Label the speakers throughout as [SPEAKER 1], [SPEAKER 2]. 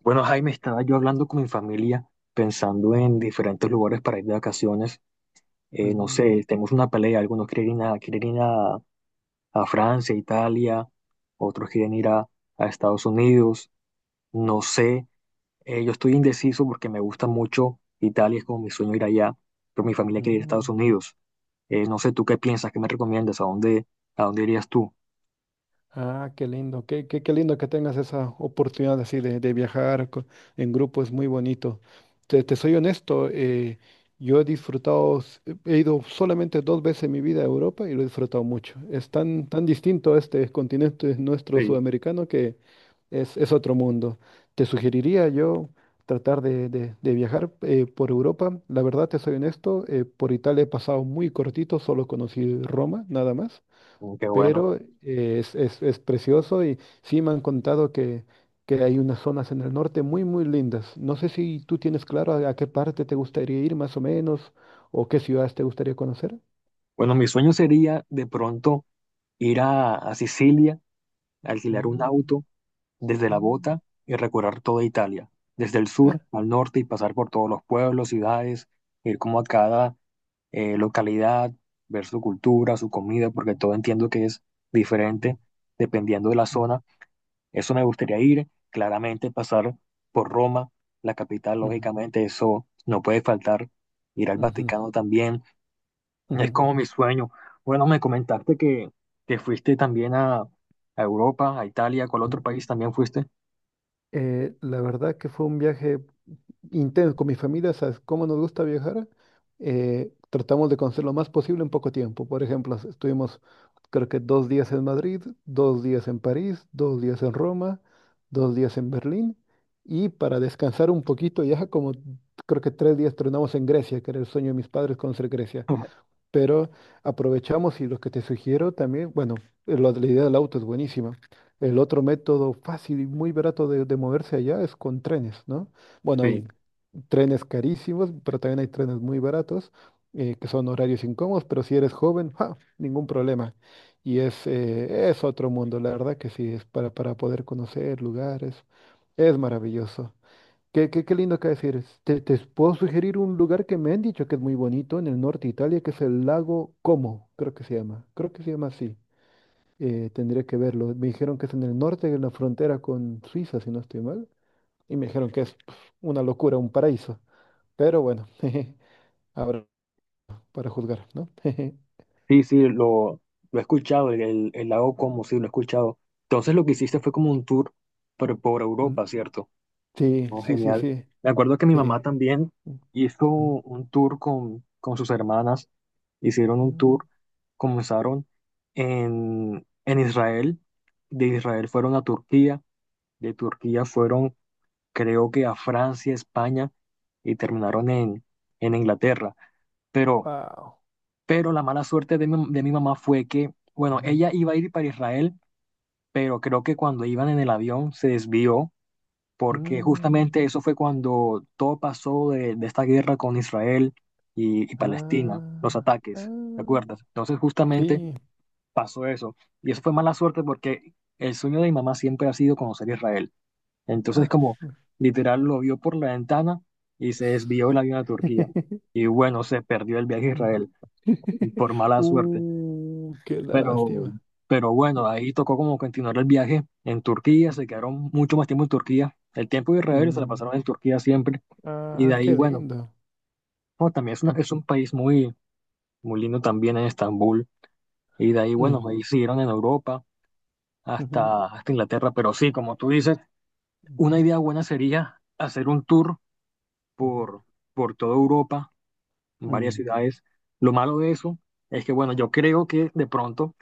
[SPEAKER 1] Bueno, Jaime, estaba yo hablando con mi familia, pensando
[SPEAKER 2] Ujú.
[SPEAKER 1] en diferentes lugares para ir de vacaciones. No
[SPEAKER 2] Mm,
[SPEAKER 1] sé, tenemos una pelea, algunos quieren ir a, a Francia, Italia, otros quieren ir a Estados Unidos. No sé, yo estoy indeciso porque me gusta mucho Italia, es como mi sueño ir allá, pero mi familia quiere ir a Estados
[SPEAKER 2] mm.
[SPEAKER 1] Unidos. No sé, ¿tú qué piensas? ¿Qué me recomiendas? A dónde irías tú?
[SPEAKER 2] Ah, qué lindo, qué lindo que tengas esa oportunidad así de viajar en grupo, es muy bonito. Te soy honesto, yo he disfrutado, he ido solamente dos veces en mi vida a Europa y lo he disfrutado mucho. Es tan, tan distinto este continente nuestro
[SPEAKER 1] Sí,
[SPEAKER 2] sudamericano que es otro mundo. Te sugeriría yo tratar de viajar por Europa. La verdad, te soy honesto, por Italia he pasado muy cortito, solo conocí Roma, nada más.
[SPEAKER 1] mm, qué bueno.
[SPEAKER 2] Pero es precioso y sí me han contado que, hay unas zonas en el norte muy, muy lindas. No sé si tú tienes claro a qué parte te gustaría ir más o menos o qué ciudades te gustaría conocer.
[SPEAKER 1] Bueno, mi sueño sería de pronto ir a Sicilia, alquilar un
[SPEAKER 2] Mm,
[SPEAKER 1] auto desde la
[SPEAKER 2] mm.
[SPEAKER 1] bota y recorrer toda Italia, desde el
[SPEAKER 2] Ah,
[SPEAKER 1] sur al norte y pasar por todos los pueblos, ciudades, ir como a cada localidad, ver su cultura, su comida, porque todo entiendo que es
[SPEAKER 2] ujú.
[SPEAKER 1] diferente dependiendo de la
[SPEAKER 2] Mm,
[SPEAKER 1] zona. Eso me gustaría ir, claramente pasar por Roma, la capital,
[SPEAKER 2] mm,
[SPEAKER 1] lógicamente, eso no puede faltar, ir al
[SPEAKER 2] ujú,
[SPEAKER 1] Vaticano también, es
[SPEAKER 2] ujú,
[SPEAKER 1] como mi sueño. Bueno, me comentaste que fuiste también a Europa, a Italia, ¿cuál
[SPEAKER 2] ujú.
[SPEAKER 1] otro
[SPEAKER 2] Mm.
[SPEAKER 1] país también fuiste?
[SPEAKER 2] La verdad que fue un viaje intenso con mi familia, ¿sabes cómo nos gusta viajar? Tratamos de conocer lo más posible en poco tiempo. Por ejemplo, estuvimos creo que 2 días en Madrid, 2 días en París, 2 días en Roma, 2 días en Berlín y para descansar un poquito ya como creo que 3 días tronamos en Grecia, que era el sueño de mis padres conocer Grecia. Pero aprovechamos y lo que te sugiero también, bueno, lo de la idea del auto es buenísima. El otro método fácil y muy barato de moverse allá es con trenes, ¿no? Bueno,
[SPEAKER 1] Sí.
[SPEAKER 2] hay trenes carísimos, pero también hay trenes muy baratos, que son horarios incómodos, pero si eres joven, ¡ja! Ningún problema. Y es otro mundo, la verdad que sí, es para poder conocer lugares, es maravilloso. Qué lindo acá decir. Te puedo sugerir un lugar que me han dicho que es muy bonito en el norte de Italia, que es el lago Como, creo que se llama. Creo que se llama así. Tendría que verlo. Me dijeron que es en el norte, en la frontera con Suiza, si no estoy mal. Y me dijeron que es pf, una locura, un paraíso. Pero bueno, jeje, ahora para juzgar, ¿no? Jeje.
[SPEAKER 1] Sí, sí, lo he escuchado, el, el lago Como, sí, lo he escuchado. Entonces lo que hiciste fue como un tour pero por
[SPEAKER 2] Mm.
[SPEAKER 1] Europa, ¿cierto?
[SPEAKER 2] Sí,
[SPEAKER 1] Oh,
[SPEAKER 2] sí, sí,
[SPEAKER 1] genial.
[SPEAKER 2] sí.
[SPEAKER 1] Me acuerdo que mi mamá
[SPEAKER 2] Sí.
[SPEAKER 1] también hizo un tour con sus hermanas, hicieron un tour, comenzaron en Israel, de Israel fueron a Turquía, de Turquía fueron creo que a Francia, España y terminaron en Inglaterra. Pero
[SPEAKER 2] Wow.
[SPEAKER 1] pero la mala suerte de mi mamá fue que, bueno,
[SPEAKER 2] Mm,
[SPEAKER 1] ella iba a ir para Israel, pero creo que cuando iban en el avión se desvió, porque justamente
[SPEAKER 2] mm.
[SPEAKER 1] eso fue cuando todo pasó de esta guerra con Israel y Palestina, los
[SPEAKER 2] Ah, ah.
[SPEAKER 1] ataques, ¿te acuerdas? Entonces justamente
[SPEAKER 2] Sí.
[SPEAKER 1] pasó eso. Y eso fue mala suerte porque el sueño de mi mamá siempre ha sido conocer Israel. Entonces
[SPEAKER 2] Ah.
[SPEAKER 1] como literal lo vio por la ventana y se desvió el avión a Turquía. Y bueno, se perdió el viaje a Israel por mala suerte.
[SPEAKER 2] Qué
[SPEAKER 1] Pero,
[SPEAKER 2] lástima.
[SPEAKER 1] pero bueno, ahí tocó como continuar el viaje en Turquía, se quedaron mucho más tiempo en Turquía. El tiempo de Israel se la
[SPEAKER 2] Mm.
[SPEAKER 1] pasaron en Turquía siempre. Y de
[SPEAKER 2] Ah,
[SPEAKER 1] ahí,
[SPEAKER 2] qué
[SPEAKER 1] bueno,
[SPEAKER 2] lindo.
[SPEAKER 1] no, también es, una-
[SPEAKER 2] Mm,
[SPEAKER 1] es un país muy, muy lindo también en Estambul. Y de ahí, bueno,
[SPEAKER 2] mm,
[SPEAKER 1] ahí siguieron en Europa
[SPEAKER 2] ujú,
[SPEAKER 1] hasta, hasta Inglaterra. Pero sí, como tú dices,
[SPEAKER 2] mm,
[SPEAKER 1] una idea buena sería hacer un tour
[SPEAKER 2] ujú,
[SPEAKER 1] por, por toda Europa, en varias
[SPEAKER 2] mm,
[SPEAKER 1] ciudades. Lo malo de eso es que, bueno, yo creo que de pronto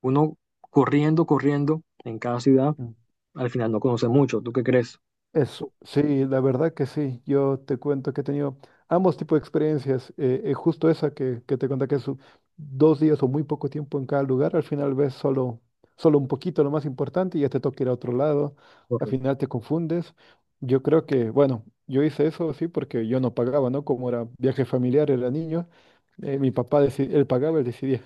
[SPEAKER 1] uno corriendo, corriendo en cada ciudad
[SPEAKER 2] mm.
[SPEAKER 1] al final no conoce mucho. ¿Tú qué crees?
[SPEAKER 2] Eso, sí, la verdad que sí. Yo te cuento que he tenido ambos tipos de experiencias. Justo esa que te conté que es 2 días o muy poco tiempo en cada lugar. Al final ves solo un poquito lo más importante y ya te toca ir a otro lado. Al
[SPEAKER 1] Correcto.
[SPEAKER 2] final te confundes. Yo creo que, bueno, yo hice eso sí porque yo no pagaba, ¿no? Como era viaje familiar, era niño. Mi papá, él pagaba, él decidía.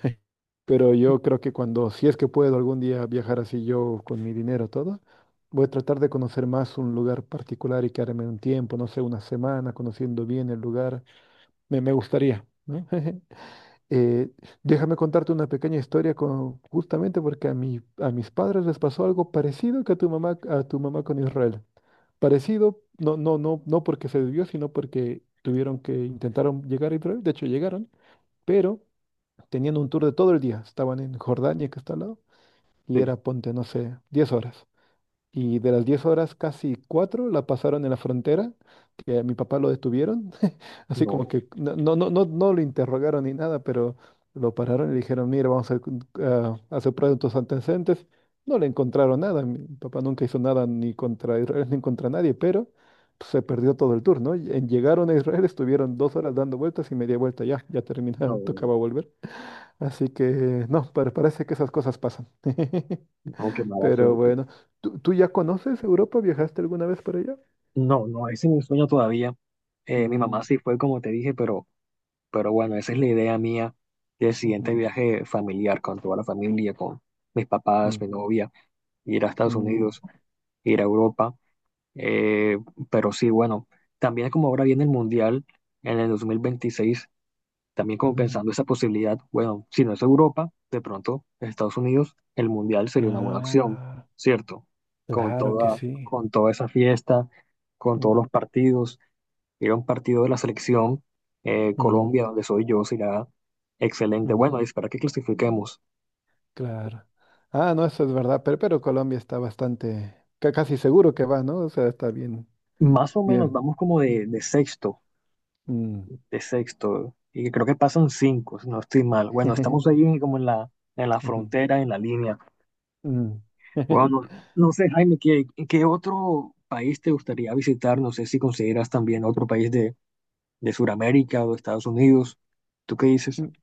[SPEAKER 2] Pero yo creo que cuando, si es que puedo algún día viajar así yo con mi dinero todo, voy a tratar de conocer más un lugar particular y quedarme un tiempo, no sé, una semana conociendo bien el lugar. Me gustaría, ¿no? Eh, déjame contarte una pequeña historia justamente porque a mis padres les pasó algo parecido que a tu mamá, con Israel. Parecido, no, no, no, no porque se debió sino porque tuvieron que intentaron llegar a Israel, de hecho llegaron, pero teniendo un tour de todo el día. Estaban en Jordania, que está al lado,
[SPEAKER 1] Sí,
[SPEAKER 2] y era, ponte, no sé, 10 horas. Y de las 10 horas, casi 4 la pasaron en la frontera, que a mi papá lo detuvieron, así como
[SPEAKER 1] no,
[SPEAKER 2] que no, no, no, no, no lo interrogaron ni nada, pero lo pararon y le dijeron, mira, vamos a hacer pruebas de tus antecedentes. No le encontraron nada, mi papá nunca hizo nada ni contra Israel ni contra nadie, pero pues, se perdió todo el tour, ¿no? Llegaron a Israel, estuvieron 2 horas dando vueltas y media vuelta, ya, ya
[SPEAKER 1] no,
[SPEAKER 2] terminaba,
[SPEAKER 1] no,
[SPEAKER 2] tocaba volver. Así que no, pero parece que esas cosas pasan.
[SPEAKER 1] no, qué mala
[SPEAKER 2] Pero
[SPEAKER 1] suerte.
[SPEAKER 2] bueno, tú ya conoces Europa? ¿Viajaste alguna vez por allá?
[SPEAKER 1] No, no, ese es mi sueño todavía. Mi mamá
[SPEAKER 2] Mm,
[SPEAKER 1] sí fue como te dije, pero bueno, esa es la idea mía del siguiente
[SPEAKER 2] ujú,
[SPEAKER 1] viaje familiar con toda la familia, con mis papás,
[SPEAKER 2] mm,
[SPEAKER 1] mi novia, ir a Estados
[SPEAKER 2] mm,
[SPEAKER 1] Unidos, ir a Europa. Eh, pero sí, bueno, también como ahora viene el Mundial en el 2026. También como
[SPEAKER 2] mm.
[SPEAKER 1] pensando esa posibilidad, bueno, si no es Europa, de pronto Estados Unidos, el Mundial sería una buena opción,
[SPEAKER 2] Ah,
[SPEAKER 1] ¿cierto?
[SPEAKER 2] claro que sí.
[SPEAKER 1] Con toda esa fiesta, con todos
[SPEAKER 2] Mm,
[SPEAKER 1] los partidos, ir a un partido de la selección Colombia,
[SPEAKER 2] mm,
[SPEAKER 1] donde soy yo, será excelente.
[SPEAKER 2] mm,
[SPEAKER 1] Bueno, espera que clasifiquemos.
[SPEAKER 2] claro. Ah, no, eso es verdad, pero Colombia está bastante, casi seguro que va, ¿no? O sea, está bien,
[SPEAKER 1] Más o menos
[SPEAKER 2] bien.
[SPEAKER 1] vamos como
[SPEAKER 2] Sí. Mm.
[SPEAKER 1] de sexto, y creo que pasan cinco, si no estoy mal. Bueno, estamos ahí como en la
[SPEAKER 2] Ujú,
[SPEAKER 1] frontera, en la línea.
[SPEAKER 2] mm.
[SPEAKER 1] Wow, no, no sé, Jaime, ¿qué, qué otro país te gustaría visitar? No sé si consideras también otro país de Sudamérica o de Estados Unidos. ¿Tú qué dices?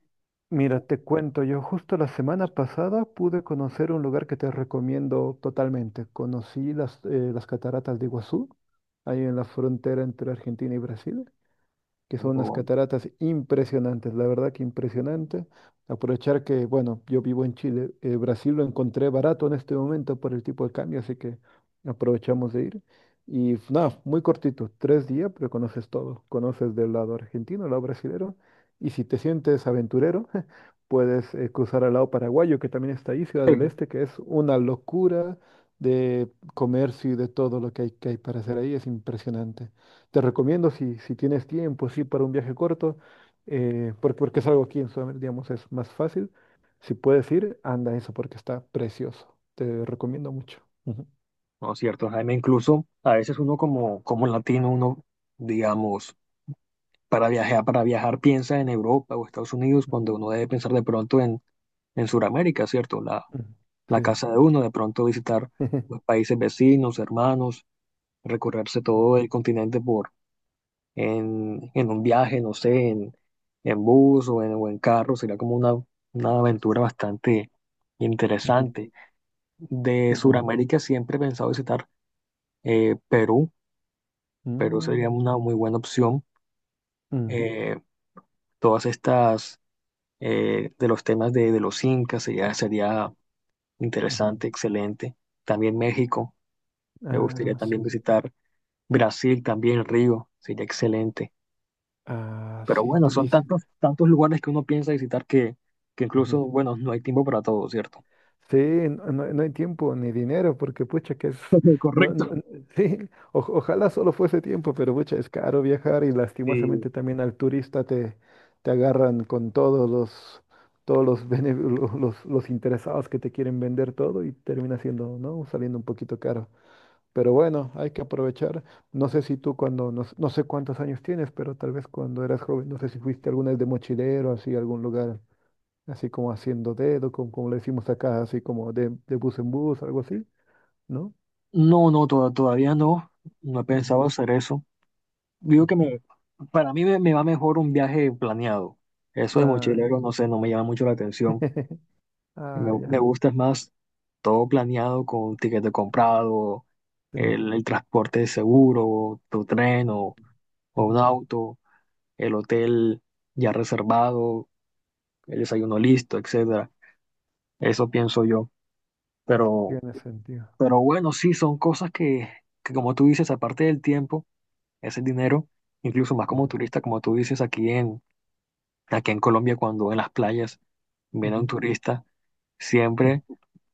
[SPEAKER 2] Mira, te cuento, yo justo la semana pasada pude conocer un lugar que te recomiendo totalmente. Conocí las cataratas de Iguazú, ahí en la frontera entre Argentina y Brasil, que son
[SPEAKER 1] Aunque
[SPEAKER 2] unas
[SPEAKER 1] bueno,
[SPEAKER 2] cataratas impresionantes, la verdad que impresionante. Aprovechar que, bueno, yo vivo en Chile, Brasil lo encontré barato en este momento por el tipo de cambio, así que aprovechamos de ir. Y nada, muy cortito, 3 días, pero conoces todo. Conoces del lado argentino, al lado brasilero, y si te sientes aventurero, puedes cruzar al lado paraguayo, que también está ahí, Ciudad del Este, que es una locura de comercio y de todo lo que hay para hacer ahí, es impresionante. Te recomiendo si, si tienes tiempo, sí, para un viaje corto, porque es algo aquí en Sudamérica, digamos, es más fácil. Si puedes ir, anda eso porque está precioso. Te recomiendo mucho. Ujú.
[SPEAKER 1] no es cierto, Jaime. Incluso a veces uno como, como latino, uno, digamos, para viajar piensa en Europa o Estados Unidos cuando uno debe pensar de pronto en Sudamérica, ¿cierto? La,
[SPEAKER 2] Ujú.
[SPEAKER 1] la
[SPEAKER 2] Sí.
[SPEAKER 1] casa de uno, de pronto visitar los países vecinos, hermanos, recorrerse todo el continente en un viaje, no sé, en bus o en carro, sería como una aventura bastante
[SPEAKER 2] Ujú,
[SPEAKER 1] interesante. De
[SPEAKER 2] ujú,
[SPEAKER 1] Sudamérica siempre he pensado visitar Perú, Perú sería
[SPEAKER 2] mm,
[SPEAKER 1] una muy buena opción.
[SPEAKER 2] mm,
[SPEAKER 1] Eh, todas estas, de los temas de los incas, sería, sería
[SPEAKER 2] ujú.
[SPEAKER 1] interesante, excelente. También México, me gustaría
[SPEAKER 2] Ah,
[SPEAKER 1] también
[SPEAKER 2] sí.
[SPEAKER 1] visitar Brasil, también Río, sería excelente.
[SPEAKER 2] Ah,
[SPEAKER 1] Pero
[SPEAKER 2] sí,
[SPEAKER 1] bueno, son
[SPEAKER 2] dicen.
[SPEAKER 1] tantos, tantos lugares que uno piensa visitar que incluso, bueno, no hay tiempo para todo, ¿cierto?
[SPEAKER 2] Sí, no, no hay tiempo ni dinero, porque pucha que es, no, no-
[SPEAKER 1] Correcto.
[SPEAKER 2] no- sí, ojalá solo fuese tiempo, pero pucha, es caro viajar y
[SPEAKER 1] Eh,
[SPEAKER 2] lastimosamente también al turista te, te agarran con todos los, bene- lo- los interesados que te quieren vender todo y termina siendo, ¿no? Saliendo un poquito caro. Pero bueno, hay que aprovechar. No sé si tú cuando, no, no sé cuántos años tienes, pero tal vez cuando eras joven, no sé si fuiste alguna vez de mochilero, así, a algún lugar así como haciendo dedo, como, le decimos acá, así como de bus en bus, algo así, ¿no?
[SPEAKER 1] no, no, to- todavía no. No he
[SPEAKER 2] Ujú,
[SPEAKER 1] pensado hacer eso. Digo
[SPEAKER 2] ujú.
[SPEAKER 1] que me, para mí me, me va mejor un viaje planeado. Eso de
[SPEAKER 2] Ah, ya.
[SPEAKER 1] mochilero, no sé, no me llama mucho la atención. Me,
[SPEAKER 2] Ah,
[SPEAKER 1] me
[SPEAKER 2] ya.
[SPEAKER 1] gusta es más todo planeado con tiquete comprado,
[SPEAKER 2] Sí,
[SPEAKER 1] el transporte seguro, tu tren o un
[SPEAKER 2] ujú.
[SPEAKER 1] auto, el hotel ya reservado, el desayuno listo, etc. Eso pienso yo. Pero,
[SPEAKER 2] Tiene sentido.
[SPEAKER 1] pero bueno, sí, son cosas que como tú dices, aparte del tiempo, ese dinero, incluso más como
[SPEAKER 2] Ujú,
[SPEAKER 1] turista, como tú dices, aquí en, aquí en Colombia, cuando en las playas viene un
[SPEAKER 2] ujú,
[SPEAKER 1] turista,
[SPEAKER 2] ujú,
[SPEAKER 1] siempre,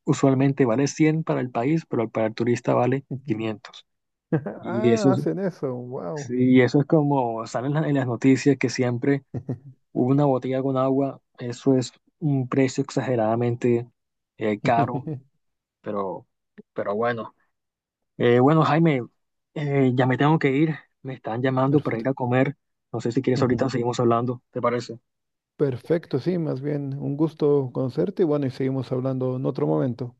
[SPEAKER 1] usualmente vale 100 para el país, pero para el turista vale
[SPEAKER 2] ujú.
[SPEAKER 1] quinientos. Y eso,
[SPEAKER 2] Ah,
[SPEAKER 1] es-
[SPEAKER 2] hacen eso, wow.
[SPEAKER 1] sí, eso es como salen en la- en las noticias que siempre una botella con agua, eso es un precio exageradamente caro, pero, pero bueno. Bueno, Jaime, ya me tengo que ir. Me están llamando para ir
[SPEAKER 2] Perfecto.
[SPEAKER 1] a comer. No sé si quieres ahorita
[SPEAKER 2] Ujú.
[SPEAKER 1] seguimos hablando. ¿Te parece?
[SPEAKER 2] Perfecto, sí, más bien un gusto conocerte y bueno, y seguimos hablando en otro momento.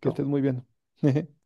[SPEAKER 2] Que estés muy bien.